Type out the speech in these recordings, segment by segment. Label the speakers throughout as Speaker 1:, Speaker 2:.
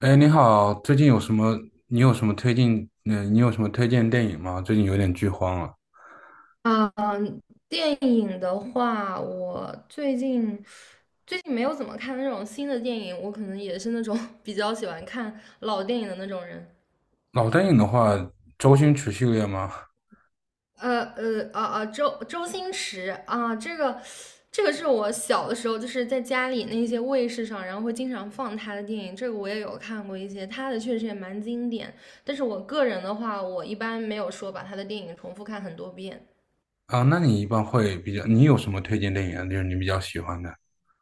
Speaker 1: 哎，你好，最近有什么？你有什么推荐？你有什么推荐电影吗？最近有点剧荒了。
Speaker 2: 啊，电影的话，我最近没有怎么看那种新的电影，我可能也是那种 比较喜欢看老电影的那种人。
Speaker 1: 老电影的话，周星驰系列吗？
Speaker 2: 周星驰啊，这个是我小的时候就是在家里那些卫视上，然后会经常放他的电影，这个我也有看过一些，他的确实也蛮经典。但是我个人的话，我一般没有说把他的电影重复看很多遍。
Speaker 1: 啊，那你一般会比较，你有什么推荐电影啊？就是你比较喜欢的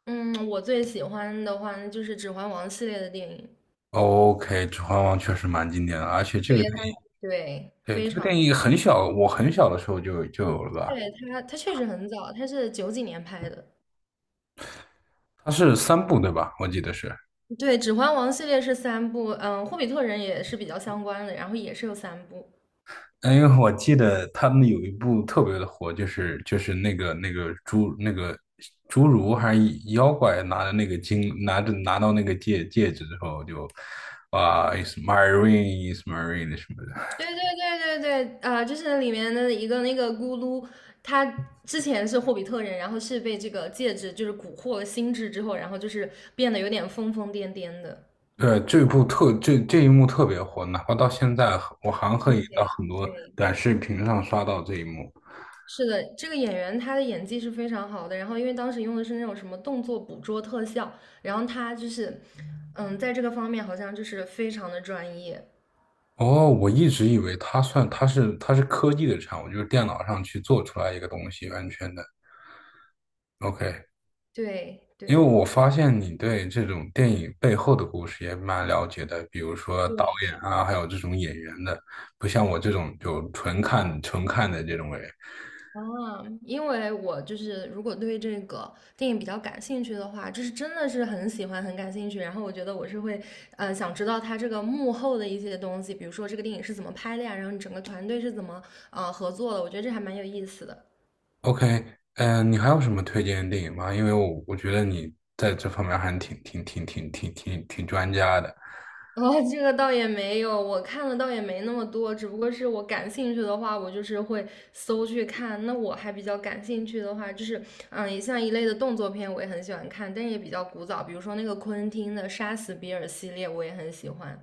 Speaker 2: 嗯，我最喜欢的话那就是《指环王》系列的电影。
Speaker 1: ？OK，《指环王》确实蛮经典的，而且这
Speaker 2: 对，
Speaker 1: 个电
Speaker 2: 他
Speaker 1: 影，
Speaker 2: 对
Speaker 1: 对，
Speaker 2: 非
Speaker 1: 这个
Speaker 2: 常
Speaker 1: 电
Speaker 2: 近，
Speaker 1: 影很小，我很小的时候就有了吧？
Speaker 2: 对他确实很早，他是九几年拍的。
Speaker 1: 它是三部对吧？我记得是。
Speaker 2: 对，《指环王》系列是三部，嗯，《霍比特人》也是比较相关的，然后也是有三部。
Speaker 1: 哎，因为我记得他们有一部特别的火，就是那个侏儒还是妖怪拿着那个金拿着拿到那个戒指之后就，啊，is t my ring is t my ring 什么的。
Speaker 2: 对对对对对呃，就是里面的一个那个咕噜，他之前是霍比特人，然后是被这个戒指就是蛊惑了心智之后，然后就是变得有点疯疯癫癫的。
Speaker 1: 对，这部这一幕特别火，哪怕到现在我还可以
Speaker 2: 对
Speaker 1: 到很多
Speaker 2: 对
Speaker 1: 短视频上刷到这一幕。
Speaker 2: 是的，这个演员他的演技是非常好的。然后，因为当时用的是那种什么动作捕捉特效，然后他就是，嗯，在这个方面好像就是非常的专业。
Speaker 1: 哦，我一直以为它算它是它是科技的产物，就是电脑上去做出来一个东西，完全的。OK。
Speaker 2: 对
Speaker 1: 因为
Speaker 2: 对
Speaker 1: 我发现你对这种电影背后的故事也蛮了解的，比如说导
Speaker 2: 对，
Speaker 1: 演啊，还有这种演员的，不像我这种就纯看的这种人。
Speaker 2: 啊，因为我就是如果对这个电影比较感兴趣的话，就是真的是很喜欢、很感兴趣。然后我觉得我是会，想知道他这个幕后的一些东西，比如说这个电影是怎么拍的呀，然后你整个团队是怎么合作的，我觉得这还蛮有意思的。
Speaker 1: OK，你还有什么推荐的电影吗？因为我觉得你在这方面还挺专家的。
Speaker 2: 哦，这个倒也没有，我看的倒也没那么多，只不过是我感兴趣的话，我就是会搜去看。那我还比较感兴趣的话，就是也像一类的动作片，我也很喜欢看，但是也比较古早，比如说那个昆汀的《杀死比尔》系列，我也很喜欢。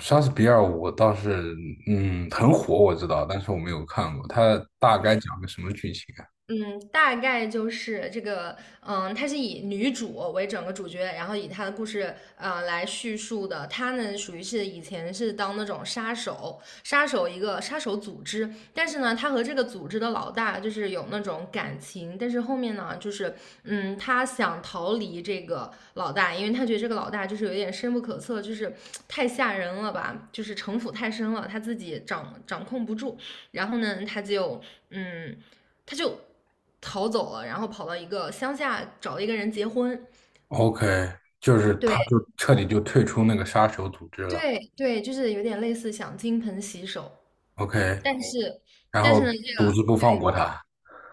Speaker 1: 莎士比亚我倒是嗯很火，我知道，但是我没有看过。它大概
Speaker 2: 对。
Speaker 1: 讲个什么剧情啊
Speaker 2: 嗯，大概就是这个，嗯，它是以女主为整个主角，然后以她的故事，来叙述的。她呢，属于是以前是当那种杀手，杀手一个杀手组织，但是呢，她和这个组织的老大就是有那种感情，但是后面呢，就是，嗯，她想逃离这个老大，因为她觉得这个老大就是有点深不可测，就是太吓人了吧，就是城府太深了，她自己掌控不住。然后呢，她就，嗯。他就逃走了，然后跑到一个乡下找了一个人结婚。
Speaker 1: ？OK，就是他
Speaker 2: 对
Speaker 1: 就彻底就退出那个杀手组织了。
Speaker 2: 对对，就是有点类似想金盆洗手，
Speaker 1: OK。
Speaker 2: 但是
Speaker 1: 然
Speaker 2: 呢，
Speaker 1: 后
Speaker 2: 这
Speaker 1: 独
Speaker 2: 个
Speaker 1: 自不放过他。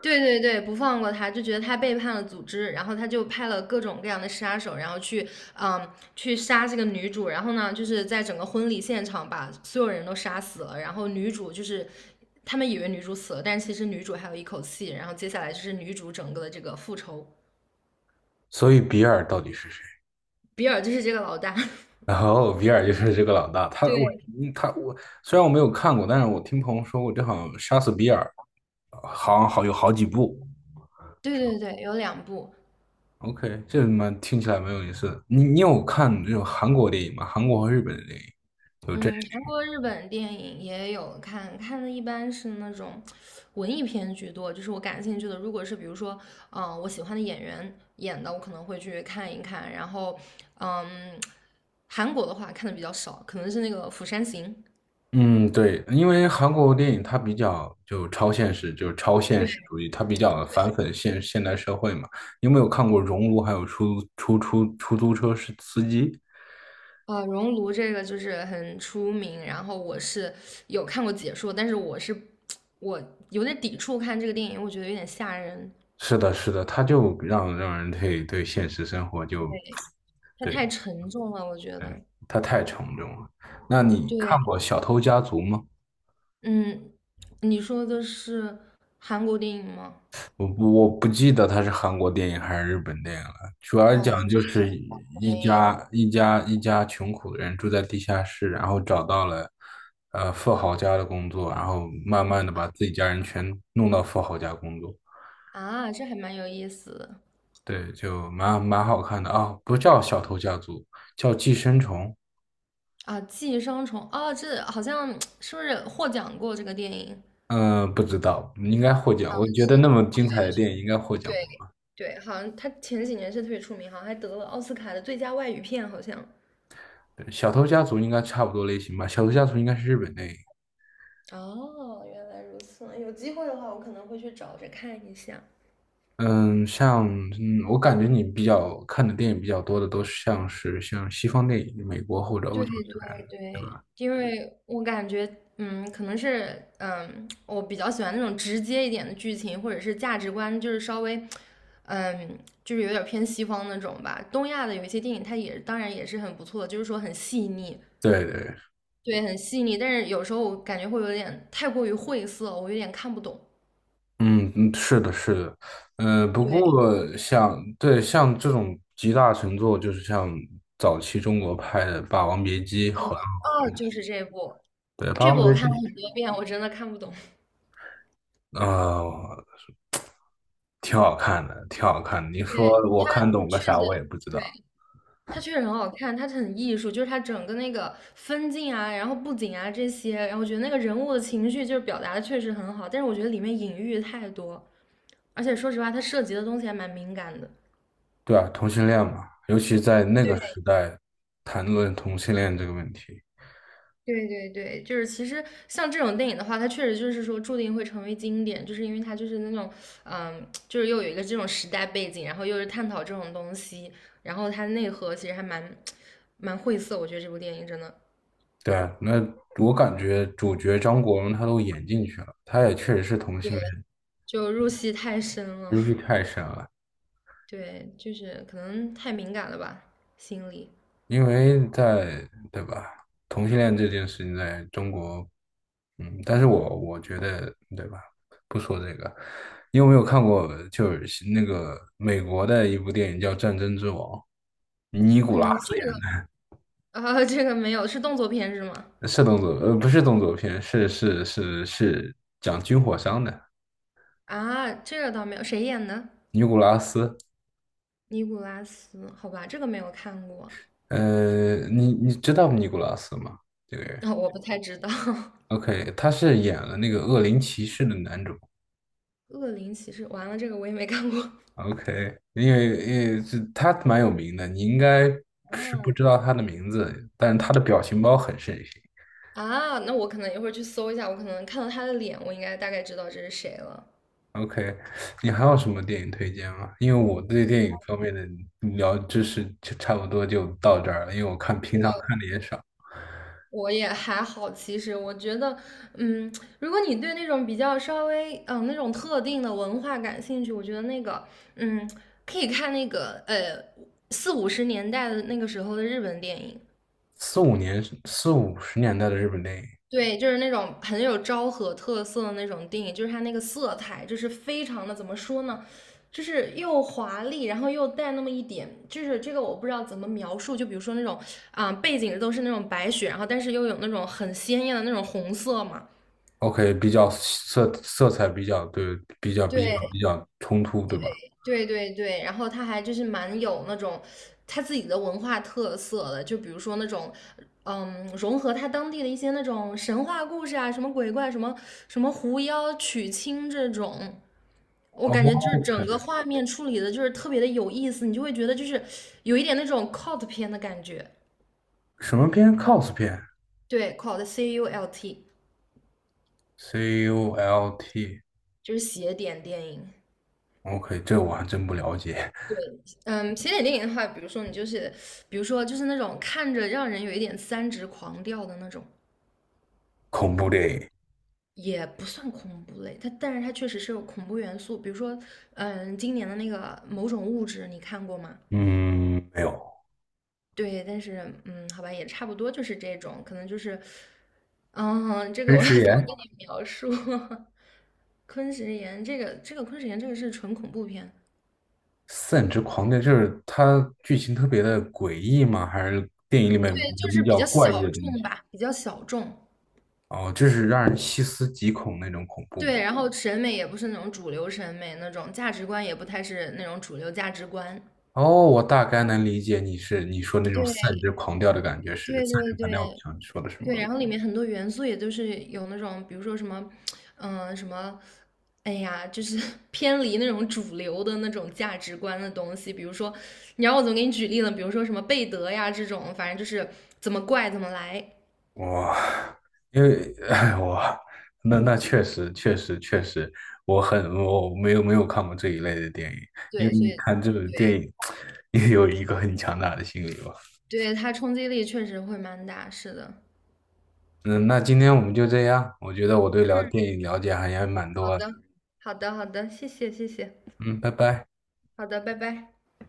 Speaker 2: 对对对不放过他，就觉得他背叛了组织，然后他就派了各种各样的杀手，然后去嗯去杀这个女主，然后呢就是在整个婚礼现场把所有人都杀死了，然后女主就是。他们以为女主死了，但是其实女主还有一口气。然后接下来就是女主整个的这个复仇。
Speaker 1: 所以比尔到底是谁？
Speaker 2: 比尔就是这个老大。
Speaker 1: 然后比尔就是这个老大，他我
Speaker 2: 对
Speaker 1: 嗯他我虽然我没有看过，但是我听朋友说过，这好像杀死比尔好像有好几部。
Speaker 2: 对对对，有两部，
Speaker 1: OK，这蛮听起来没有意思的，你你有看这种韩国电影吗？韩国和日本的电影？就这
Speaker 2: 嗯，韩国、日本电影也有看，看的一般是那种文艺片居多，就是我感兴趣的，如果是比如说，嗯、我喜欢的演员演的，我可能会去看一看，然后，嗯，韩国的话看的比较少，可能是那个《釜山行》。
Speaker 1: 嗯，对，因为韩国电影它比较就超现实，就是超现实主义，它比较反讽现代社会嘛。你有没有看过《熔炉》还有出租车是司机？
Speaker 2: 呃，熔炉这个就是很出名，然后我是有看过解说，但是我是我有点抵触看这个电影，我觉得有点吓人，
Speaker 1: 是的，是的，他就让人对现实生活就
Speaker 2: 它太
Speaker 1: 对
Speaker 2: 沉重了，我觉得。
Speaker 1: 他太沉重了。那你看
Speaker 2: 对，
Speaker 1: 过《小偷家族》吗？
Speaker 2: 嗯，你说的是韩国电影吗？
Speaker 1: 我不记得他是韩国电影还是日本电影了。主要讲
Speaker 2: 哦，
Speaker 1: 就
Speaker 2: 这个
Speaker 1: 是
Speaker 2: 我没有。
Speaker 1: 一家穷苦的人住在地下室，然后找到了富豪家的工作，然后慢慢的把
Speaker 2: 啊
Speaker 1: 自己家人全弄到富豪家工作。
Speaker 2: 啊，这还蛮有意思的。
Speaker 1: 对，就蛮好看的啊，不叫《小偷家族》，叫《寄生虫》。
Speaker 2: 啊，《寄生虫》啊，这好像 是不是获奖过这个电影？
Speaker 1: 嗯，不知道，应该获奖。我觉得那么
Speaker 2: 是
Speaker 1: 精彩的
Speaker 2: 是
Speaker 1: 电
Speaker 2: 的，
Speaker 1: 影应该获奖
Speaker 2: 对
Speaker 1: 过。
Speaker 2: 对，好像他前几年是特别出名，好像还得了奥斯卡的最佳外语片，好像。
Speaker 1: 对小偷家族应该差不多类型吧，小偷家族应该是日本电影。
Speaker 2: 哦，原来如此，有机会的话，我可能会去找着看一下。
Speaker 1: 嗯，像嗯，我感觉你比较看的电影比较多的都是像西方电影，美国或者欧
Speaker 2: 对
Speaker 1: 洲
Speaker 2: 对
Speaker 1: 这边的，对
Speaker 2: 对，
Speaker 1: 吧？
Speaker 2: 因为我感觉，嗯，可能是，嗯，我比较喜欢那种直接一点的剧情，或者是价值观，就是稍微，嗯，就是有点偏西方那种吧。东亚的有一些电影，它也当然也是很不错的，就是说很细腻，
Speaker 1: 对对，
Speaker 2: 对，很细腻。但是有时候我感觉会有点太过于晦涩，我有点看不懂。
Speaker 1: 嗯嗯，是的，是的。嗯，不
Speaker 2: 对，
Speaker 1: 过像这种集大成作，就是像早期中国拍的《霸王别姬》和
Speaker 2: 哦，就是这部，
Speaker 1: 对《霸
Speaker 2: 这
Speaker 1: 王
Speaker 2: 部我
Speaker 1: 别
Speaker 2: 看
Speaker 1: 姬》
Speaker 2: 了很多遍，我真的看不懂。
Speaker 1: 啊、呃挺好看的，挺好看的。你说
Speaker 2: 对，
Speaker 1: 我
Speaker 2: 它
Speaker 1: 看懂个
Speaker 2: 确
Speaker 1: 啥？
Speaker 2: 实。
Speaker 1: 我也不知
Speaker 2: 对。
Speaker 1: 道。
Speaker 2: 它确实很好看，它很艺术，就是它整个那个分镜啊，然后布景啊这些，然后我觉得那个人物的情绪就是表达的确实很好，但是我觉得里面隐喻太多，而且说实话，它涉及的东西还蛮敏感的。
Speaker 1: 对啊，同性恋嘛，尤其在那个时代，谈论同性恋这个问题，
Speaker 2: 对，对对对，就是其实像这种电影的话，它确实就是说注定会成为经典，就是因为它就是那种，嗯，就是又有一个这种时代背景，然后又是探讨这种东西，然后它内核其实还蛮晦涩，我觉得这部电影真的
Speaker 1: 对啊。那我感觉主角张国荣他都演进去了，他也确实是同性恋，
Speaker 2: 就入戏太深了。
Speaker 1: 他戏太深了。
Speaker 2: 对，就是可能太敏感了吧，心理。
Speaker 1: 因为在，对吧？同性恋这件事情在中国，嗯，但是我觉得，对吧？不说这个，你有没有看过就是那个美国的一部电影叫《战争之王》，尼古拉
Speaker 2: 嗯，这
Speaker 1: 斯演
Speaker 2: 个啊，这个没有，是动作片是吗？
Speaker 1: 的，是动作，不是动作片，是讲军火商的。
Speaker 2: 啊，这个倒没有，谁演的？
Speaker 1: 尼古拉斯，
Speaker 2: 尼古拉斯，好吧，这个没有看过，
Speaker 1: 你你知道尼古拉斯吗？这个人
Speaker 2: 啊，我不太知道。
Speaker 1: ，OK，他是演了那个《恶灵骑士》的男主。
Speaker 2: 恶灵骑士，完了，这个我也没看过。
Speaker 1: OK，因为这他蛮有名的，你应该是不知
Speaker 2: 嗯。
Speaker 1: 道他的名字，但是他的表情包很盛行。
Speaker 2: 啊，那我可能一会儿去搜一下，我可能看到他的脸，我应该大概知道这是谁了。
Speaker 1: OK，你还有什么电影推荐吗？因为我对电影方面的聊知识就差不多就到这儿了，因为我看平常
Speaker 2: 我。
Speaker 1: 看的也少。
Speaker 2: 我也还好，其实我觉得，嗯，如果你对那种比较稍微，嗯、那种特定的文化感兴趣，我觉得那个，嗯，可以看那个，四五十年代的那个时候的日本电影，
Speaker 1: 四五年四五十年代的日本电影
Speaker 2: 对，就是那种很有昭和特色的那种电影，就是它那个色彩，就是非常的，怎么说呢，就是又华丽，然后又带那么一点，就是这个我不知道怎么描述，就比如说那种，啊、背景都是那种白雪，然后但是又有那种很鲜艳的那种红色嘛。
Speaker 1: ，OK，比较色彩比较对，比
Speaker 2: 对
Speaker 1: 较冲突，对吧
Speaker 2: 对对对，然后他还就是蛮有那种他自己的文化特色的，就比如说那种，融合他当地的一些那种神话故事啊，什么鬼怪，什么狐妖娶亲这种，我
Speaker 1: 哦
Speaker 2: 感觉就是
Speaker 1: ？OK，
Speaker 2: 整个画面处理的就是特别的有意思，你就会觉得就是有一点那种 cult 片的感觉，
Speaker 1: 什么片？cos 片
Speaker 2: 对，cult CULT
Speaker 1: ，CULT。
Speaker 2: 就是邪典电影，
Speaker 1: OK，这我还真不了解。
Speaker 2: 对，嗯，起点电影的话，比如说你就是，比如说就是那种看着让人有一点三直狂掉的那种，
Speaker 1: 恐怖电影，
Speaker 2: 也不算恐怖类，它但是它确实是有恐怖元素，比如说，今年的那个某种物质，你看过吗？
Speaker 1: 嗯，没有。
Speaker 2: 对，但是嗯，好吧，也差不多就是这种，可能就是，嗯，这个
Speaker 1: 真
Speaker 2: 我要
Speaker 1: 实
Speaker 2: 怎么
Speaker 1: 言，
Speaker 2: 跟你描述？昆池岩这个，这个昆池岩这个是纯恐怖片，
Speaker 1: 散之狂癫就是它剧情特别的诡异吗？还是电影里面
Speaker 2: 对，就是
Speaker 1: 比
Speaker 2: 比
Speaker 1: 较
Speaker 2: 较
Speaker 1: 怪异的
Speaker 2: 小
Speaker 1: 东
Speaker 2: 众
Speaker 1: 西？
Speaker 2: 吧，比较小众。
Speaker 1: 哦，就是让人细思极恐那种恐怖吗？
Speaker 2: 对，然后审美也不是那种主流审美那种，价值观也不太是那种主流价值观。
Speaker 1: 哦，我大概能理解你是你说那种散
Speaker 2: 对
Speaker 1: 之狂掉的感觉是
Speaker 2: 对
Speaker 1: 散
Speaker 2: 对
Speaker 1: 之狂掉，我
Speaker 2: 对
Speaker 1: 想说的是
Speaker 2: 对，
Speaker 1: 吗？
Speaker 2: 然后里面很多元素也都是有那种，比如说什么，嗯、什么，哎呀，就是 偏离那种主流的那种价值观的东西。比如说，你让我怎么给你举例呢？比如说什么贝德呀这种，反正就是怎么怪怎么来。
Speaker 1: 我因为那那确实确实，我没有没有看过这一类的电影，因
Speaker 2: 对，
Speaker 1: 为
Speaker 2: 所
Speaker 1: 你
Speaker 2: 以
Speaker 1: 看这种电
Speaker 2: 对
Speaker 1: 影 也有一个很强大的心理吧。
Speaker 2: 对，它冲击力确实会蛮大。是的。
Speaker 1: 嗯，那今天我们就这样，我觉得我对聊电影了解还也蛮
Speaker 2: 好
Speaker 1: 多的。
Speaker 2: 的，好的，好的，谢谢。
Speaker 1: 嗯，拜拜。
Speaker 2: 好的，拜拜。